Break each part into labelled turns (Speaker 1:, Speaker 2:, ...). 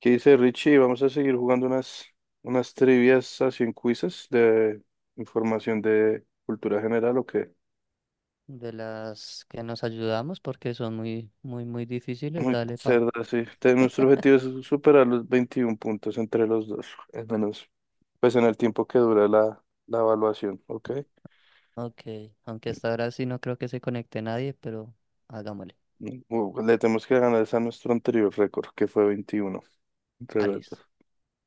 Speaker 1: ¿Qué dice Richie? Vamos a seguir jugando unas trivias así en quizzes de información de cultura general o qué.
Speaker 2: De las que nos ayudamos porque son muy, muy, muy difíciles,
Speaker 1: Muy
Speaker 2: dale pa.
Speaker 1: cerda, sí. Te- Nuestro objetivo es superar los 21 puntos entre los dos, al menos, pues en el tiempo que dura la evaluación, ¿ok?
Speaker 2: Ok, aunque hasta ahora sí no creo que se conecte nadie, pero hagámosle.
Speaker 1: Le tenemos que ganar esa a nuestro anterior récord, que fue 21 entre
Speaker 2: Ah,
Speaker 1: los
Speaker 2: listo.
Speaker 1: dos.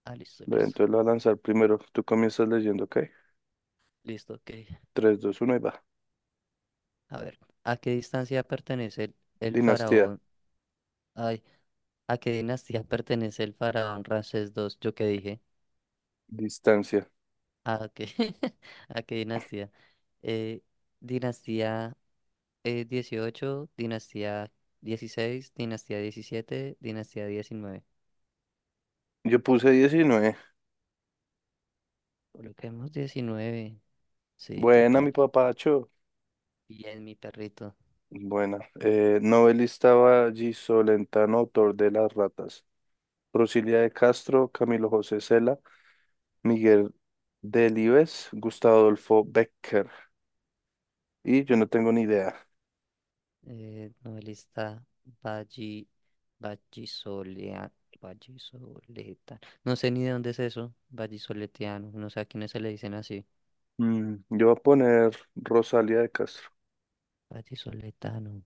Speaker 2: Ah, listo,
Speaker 1: Ve,
Speaker 2: listo.
Speaker 1: entonces lo voy a lanzar primero. Tú comienzas leyendo, ¿ok?
Speaker 2: Listo, ok.
Speaker 1: 3 2 1 y va.
Speaker 2: A ver, ¿a qué distancia pertenece el
Speaker 1: Dinastía,
Speaker 2: faraón? Ay, ¿a qué dinastía pertenece el faraón Ramsés II? ¿Yo qué dije?
Speaker 1: distancia.
Speaker 2: Ah, ok. ¿A qué dinastía? Eh, dinastía 18, dinastía dieciséis, dinastía diecisiete, dinastía diecinueve.
Speaker 1: Yo puse 19.
Speaker 2: Coloquemos diecinueve. Sí,
Speaker 1: Buena,
Speaker 2: total.
Speaker 1: mi papacho.
Speaker 2: Bien, mi perrito.
Speaker 1: Buena. Novelista Valle Solentano, autor de Las Ratas. Rosilia de Castro, Camilo José Cela, Miguel Delibes, Gustavo Adolfo Becker. Y yo no tengo ni idea.
Speaker 2: Novelista Valli, Vallisolea- Vallisoletano. No sé ni de dónde es eso. Vallisoletiano. No sé a quiénes se le dicen así.
Speaker 1: Yo voy a poner Rosalia de Castro.
Speaker 2: Vallisoletano.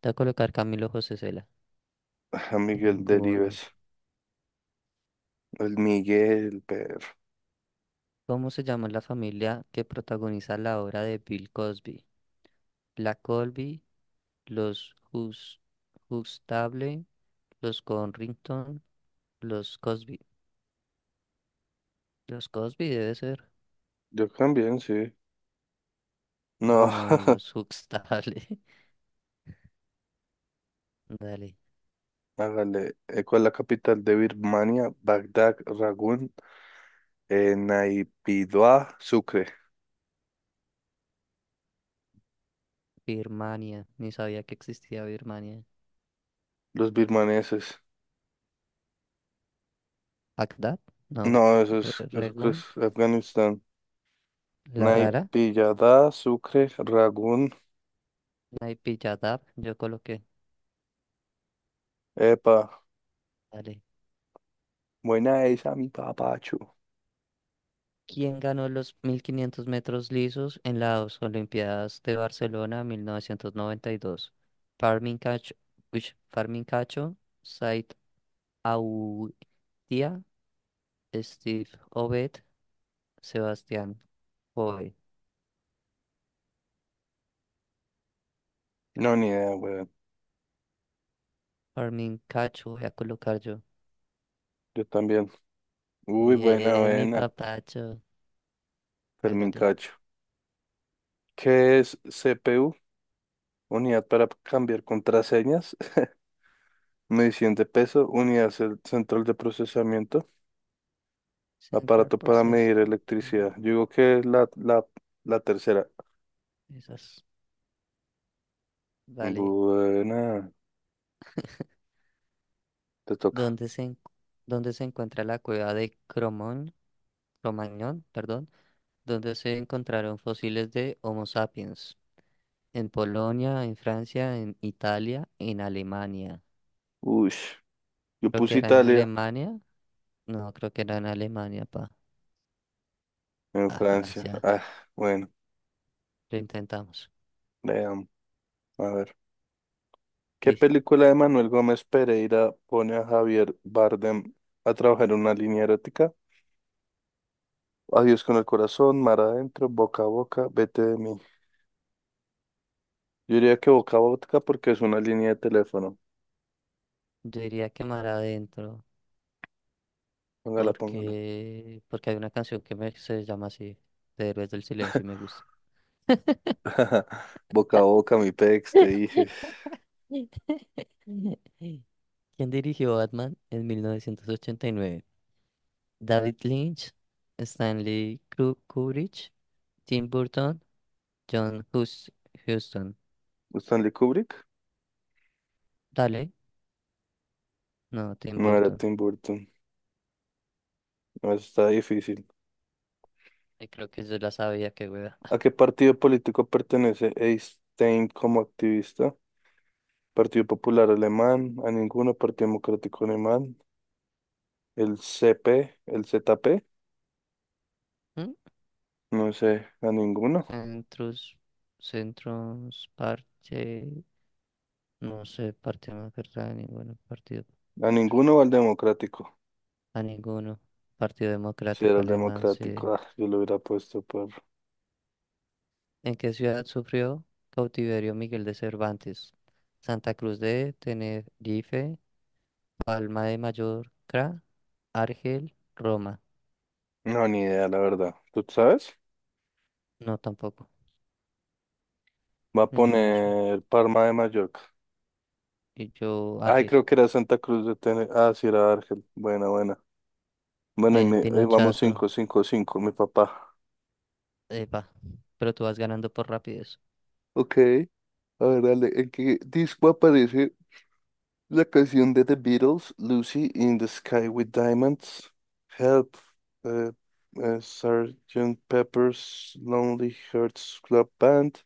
Speaker 2: Te voy a colocar Camilo José Cela.
Speaker 1: A Miguel
Speaker 2: Ninguno.
Speaker 1: Delibes. El Miguel, pero.
Speaker 2: ¿Cómo se llama la familia que protagoniza la obra de Bill Cosby? La Colby, los Hus- Huxtable, los Corrington, los Cosby. Los Cosby debe ser.
Speaker 1: Yo también, sí. No,
Speaker 2: No, los Huxtable. Dale. Dale.
Speaker 1: hágale. ¿Cuál es la capital de Birmania? Bagdad, Ragún, Naypyidaw, Sucre.
Speaker 2: Birmania. Ni sabía que existía Birmania.
Speaker 1: Los birmaneses.
Speaker 2: Bagdad. No.
Speaker 1: No, eso es, eso creo es
Speaker 2: Regún.
Speaker 1: Afganistán.
Speaker 2: La Rara.
Speaker 1: Naipillada, Sucre, Ragún.
Speaker 2: Naipilladav. Yo coloqué.
Speaker 1: Epa,
Speaker 2: Dale.
Speaker 1: buena esa, mi papacho.
Speaker 2: ¿Quién ganó los 1500 metros lisos en las Olimpiadas de Barcelona 1992? Farmin Cacho, uish, Farmin Cacho, Said Aoudia, Steve Obed, Sebastián Coe.
Speaker 1: No, ni idea, weón.
Speaker 2: Farmin Cacho, voy a colocar yo.
Speaker 1: Yo también. Uy, buena,
Speaker 2: Bien, mi
Speaker 1: buena.
Speaker 2: papacho.
Speaker 1: Fermín
Speaker 2: Hágale.
Speaker 1: Cacho. ¿Qué es CPU? Unidad para cambiar contraseñas. Medición de peso. Unidad cel- central de procesamiento.
Speaker 2: Central
Speaker 1: Aparato para medir
Speaker 2: Processing.
Speaker 1: electricidad. Yo digo que es la tercera.
Speaker 2: Esas. Vale.
Speaker 1: Buena. Te toca.
Speaker 2: ¿Dónde se, en- ¿Dónde se encuentra la cueva de Cromañón, perdón, donde se encontraron fósiles de Homo sapiens? En Polonia, en Francia, en Italia, en Alemania.
Speaker 1: Uy, yo
Speaker 2: Creo que
Speaker 1: puse
Speaker 2: era en
Speaker 1: Italia.
Speaker 2: Alemania. No, creo que era en Alemania, pa.
Speaker 1: En
Speaker 2: A
Speaker 1: Francia.
Speaker 2: Francia.
Speaker 1: Ah, bueno,
Speaker 2: Lo intentamos.
Speaker 1: veamos. A ver. ¿Qué
Speaker 2: Dice.
Speaker 1: película de Manuel Gómez Pereira pone a Javier Bardem a trabajar en una línea erótica? Adiós con el corazón, mar adentro, boca a boca, vete de mí. Yo diría que boca a boca porque es una línea de teléfono.
Speaker 2: Yo diría que mar adentro.
Speaker 1: Póngala, póngala.
Speaker 2: Porque hay una canción que me, se llama así, de Héroes del Silencio y me gusta.
Speaker 1: Boca a boca, mi pex, te dije.
Speaker 2: ¿Quién dirigió Batman en 1989? David Lynch, Kubrick, Tim Burton, John Hus- Huston.
Speaker 1: ¿Stanley Kubrick?
Speaker 2: Dale, no, Tim
Speaker 1: No era
Speaker 2: Burton.
Speaker 1: Tim Burton. No, eso está difícil.
Speaker 2: Creo que yo la sabía, que hueva.
Speaker 1: ¿A qué partido político pertenece Einstein como activista? Partido Popular Alemán, a ninguno, Partido Democrático Alemán, el CP, el ZP,
Speaker 2: ¿Mm?
Speaker 1: no sé,
Speaker 2: Centros, centros, parche, no sé, parte más verdad, ningún partido.
Speaker 1: a ninguno o al Democrático,
Speaker 2: A ninguno. Partido
Speaker 1: si era
Speaker 2: Democrático
Speaker 1: el
Speaker 2: Alemán, sí.
Speaker 1: Democrático, ah, yo lo hubiera puesto por,
Speaker 2: ¿En qué ciudad sufrió cautiverio Miguel de Cervantes? Santa Cruz de Tenerife, Palma de Mallorca, Argel, Roma.
Speaker 1: no, ni idea, la verdad, ¿tú sabes?
Speaker 2: No, tampoco.
Speaker 1: Va a
Speaker 2: Miguel de Cervantes.
Speaker 1: poner Parma de Mallorca,
Speaker 2: Y yo,
Speaker 1: ay,
Speaker 2: Argel.
Speaker 1: creo que era Santa Cruz de Tenerife, ah, sí, era Argel, buena, buena, bueno,
Speaker 2: Ahí
Speaker 1: y
Speaker 2: el
Speaker 1: me, ahí vamos
Speaker 2: pinochazo.
Speaker 1: 5 5 5, mi papá,
Speaker 2: Epa. Pero tú vas ganando por rapidez.
Speaker 1: ok, a ver, dale, ¿en qué disco aparece la canción de The Beatles, Lucy in the Sky with Diamonds, Help, eh, Sgt. Pepper's Lonely Hearts Club Band,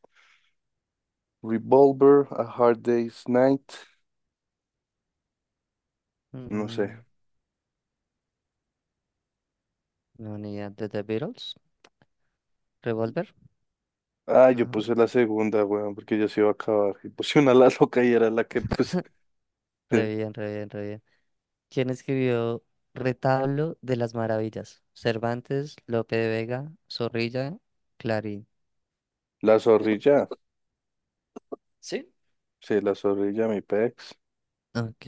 Speaker 1: Revolver, A Hard Day's Night, no sé.
Speaker 2: Mm, no, ni idea. ¿De The Beatles? ¿Revolver?
Speaker 1: Ah, yo
Speaker 2: No.
Speaker 1: puse la segunda, weón, porque ya se iba a acabar. Y puse una la loca y era la que puse.
Speaker 2: Re bien, re bien, re bien. ¿Quién escribió Retablo de las Maravillas? Cervantes, Lope de Vega, Zorrilla, Clarín.
Speaker 1: La zorrilla,
Speaker 2: ¿Sí?
Speaker 1: sí, la zorrilla, mi pex.
Speaker 2: Ok,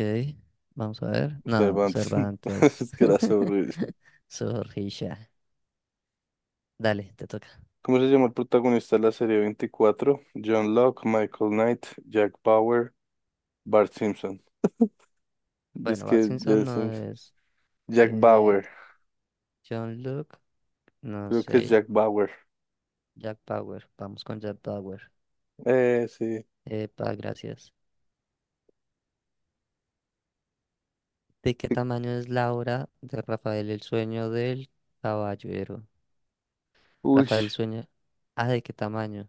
Speaker 2: vamos a ver. No,
Speaker 1: Cervantes,
Speaker 2: Cervantes.
Speaker 1: es que era zorrilla.
Speaker 2: Zorrilla. Dale, te toca.
Speaker 1: ¿Cómo se llama el protagonista de la serie 24? John Locke, Michael Knight, Jack Bauer, Bart Simpson. Es
Speaker 2: Bueno, Bart
Speaker 1: que ya
Speaker 2: Simpson
Speaker 1: es-
Speaker 2: no es.
Speaker 1: Jack
Speaker 2: eh,
Speaker 1: Bauer.
Speaker 2: John Luke, no
Speaker 1: Creo que es
Speaker 2: sé.
Speaker 1: Jack Bauer.
Speaker 2: Jack Bauer. Vamos con Jack Bauer.
Speaker 1: Sí.
Speaker 2: Epa, gracias. ¿De qué tamaño es la obra de Rafael el sueño del caballero?
Speaker 1: Uy,
Speaker 2: Rafael el sueño. Ah, ¿de qué tamaño?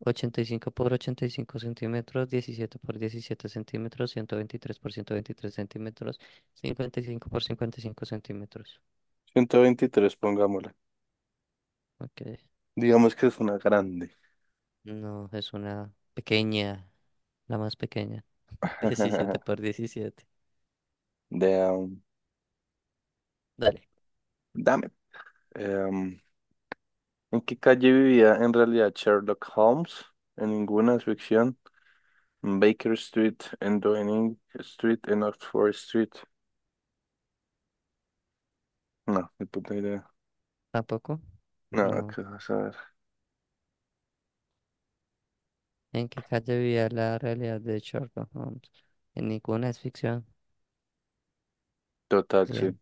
Speaker 2: Ochenta y cinco por 85 centímetros, 17 por 17 centímetros, 123 por 123 centímetros, 55 por 55 centímetros.
Speaker 1: 123 pongámosle.
Speaker 2: Ok,
Speaker 1: Digamos que es una grande.
Speaker 2: no, es una pequeña, la más pequeña. Diecisiete por diecisiete.
Speaker 1: De, um,
Speaker 2: Dale.
Speaker 1: dame. Em, ¿En qué calle vivía en realidad Sherlock Holmes? En ninguna es ficción. En Baker Street, en Downing Street, en Oxford Street. No, ni puta idea.
Speaker 2: ¿Tampoco?
Speaker 1: No,
Speaker 2: No.
Speaker 1: qué vas a ver.
Speaker 2: ¿En qué calle vivía la realidad de Sherlock Holmes? En ninguna, es ficción.
Speaker 1: Total, sí.
Speaker 2: Bien,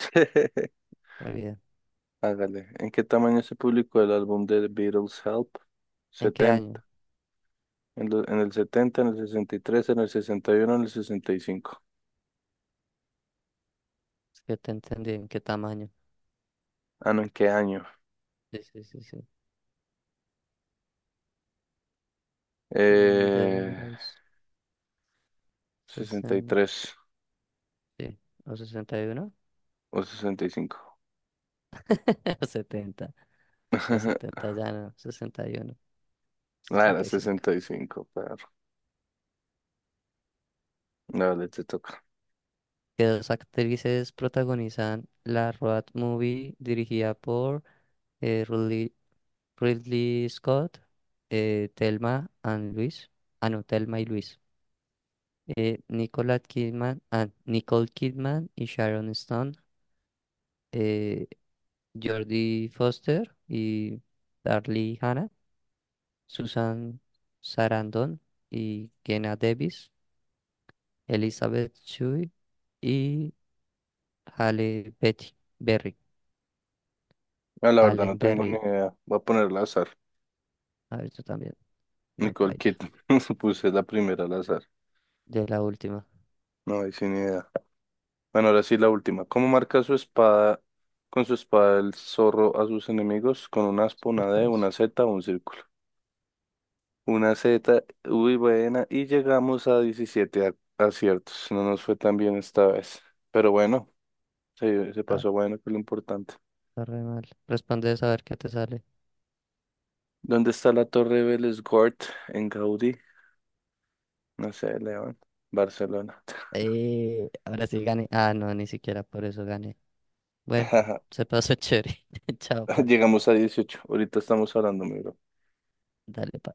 Speaker 2: muy bien.
Speaker 1: Hágale. ¿En qué tamaño se publicó el álbum de The Beatles Help?
Speaker 2: ¿En qué
Speaker 1: 70.
Speaker 2: año?
Speaker 1: En, lo- en el 70, en el 63, en el 61, en el 65.
Speaker 2: Es que te entendí, ¿en qué tamaño?
Speaker 1: Ah, no, ¿en qué año?
Speaker 2: Sí, sí, sí, sí. Desde los
Speaker 1: Eh, sesenta y
Speaker 2: sesenta.
Speaker 1: tres
Speaker 2: Sí, o sesenta y uno.
Speaker 1: o 65.
Speaker 2: O setenta. O 70 ya no, sesenta, sesenta y uno,
Speaker 1: Ah, era
Speaker 2: sesenta y cinco.
Speaker 1: 65, pero. Dale, te toca.
Speaker 2: Que dos actrices protagonizan la road movie dirigida por eh, Ridley, Ridley Scott. Thelma and Luis, ah no, Thelma y Luis. Nicole Kidman y Sharon Stone. eh, Jodie Foster y Darlie Hannah. Susan Sarandon y Kenna Davis, Elizabeth Shue y Halle Betty Berry,
Speaker 1: Ah, la verdad no
Speaker 2: Allen
Speaker 1: tengo ni
Speaker 2: Berry.
Speaker 1: idea. Voy a ponerla al azar.
Speaker 2: A ver, tú también, no
Speaker 1: Nicole
Speaker 2: baila.
Speaker 1: Kidman. Puse la primera al azar.
Speaker 2: De la última,
Speaker 1: No hay sin idea. Bueno, ahora sí la última. ¿Cómo marca su espada, con su espada el zorro a sus enemigos? Con una aspa,
Speaker 2: super
Speaker 1: una D,
Speaker 2: fácil.
Speaker 1: una Z o un círculo. Una Z, uy, buena. Y llegamos a 17 a- aciertos. No nos fue tan bien esta vez. Pero bueno, se
Speaker 2: Ah,
Speaker 1: pasó bueno, que es lo importante.
Speaker 2: está re mal. Responde a ver qué te sale.
Speaker 1: ¿Dónde está la Torre Vélez-Gort en Gaudí? No sé, León. Barcelona.
Speaker 2: Ahora sí gané. Ah, no, ni siquiera por eso gané. Bueno, se pasó chévere. Chao, pa.
Speaker 1: Llegamos a 18. Ahorita estamos hablando, mi bro.
Speaker 2: Dale, pa.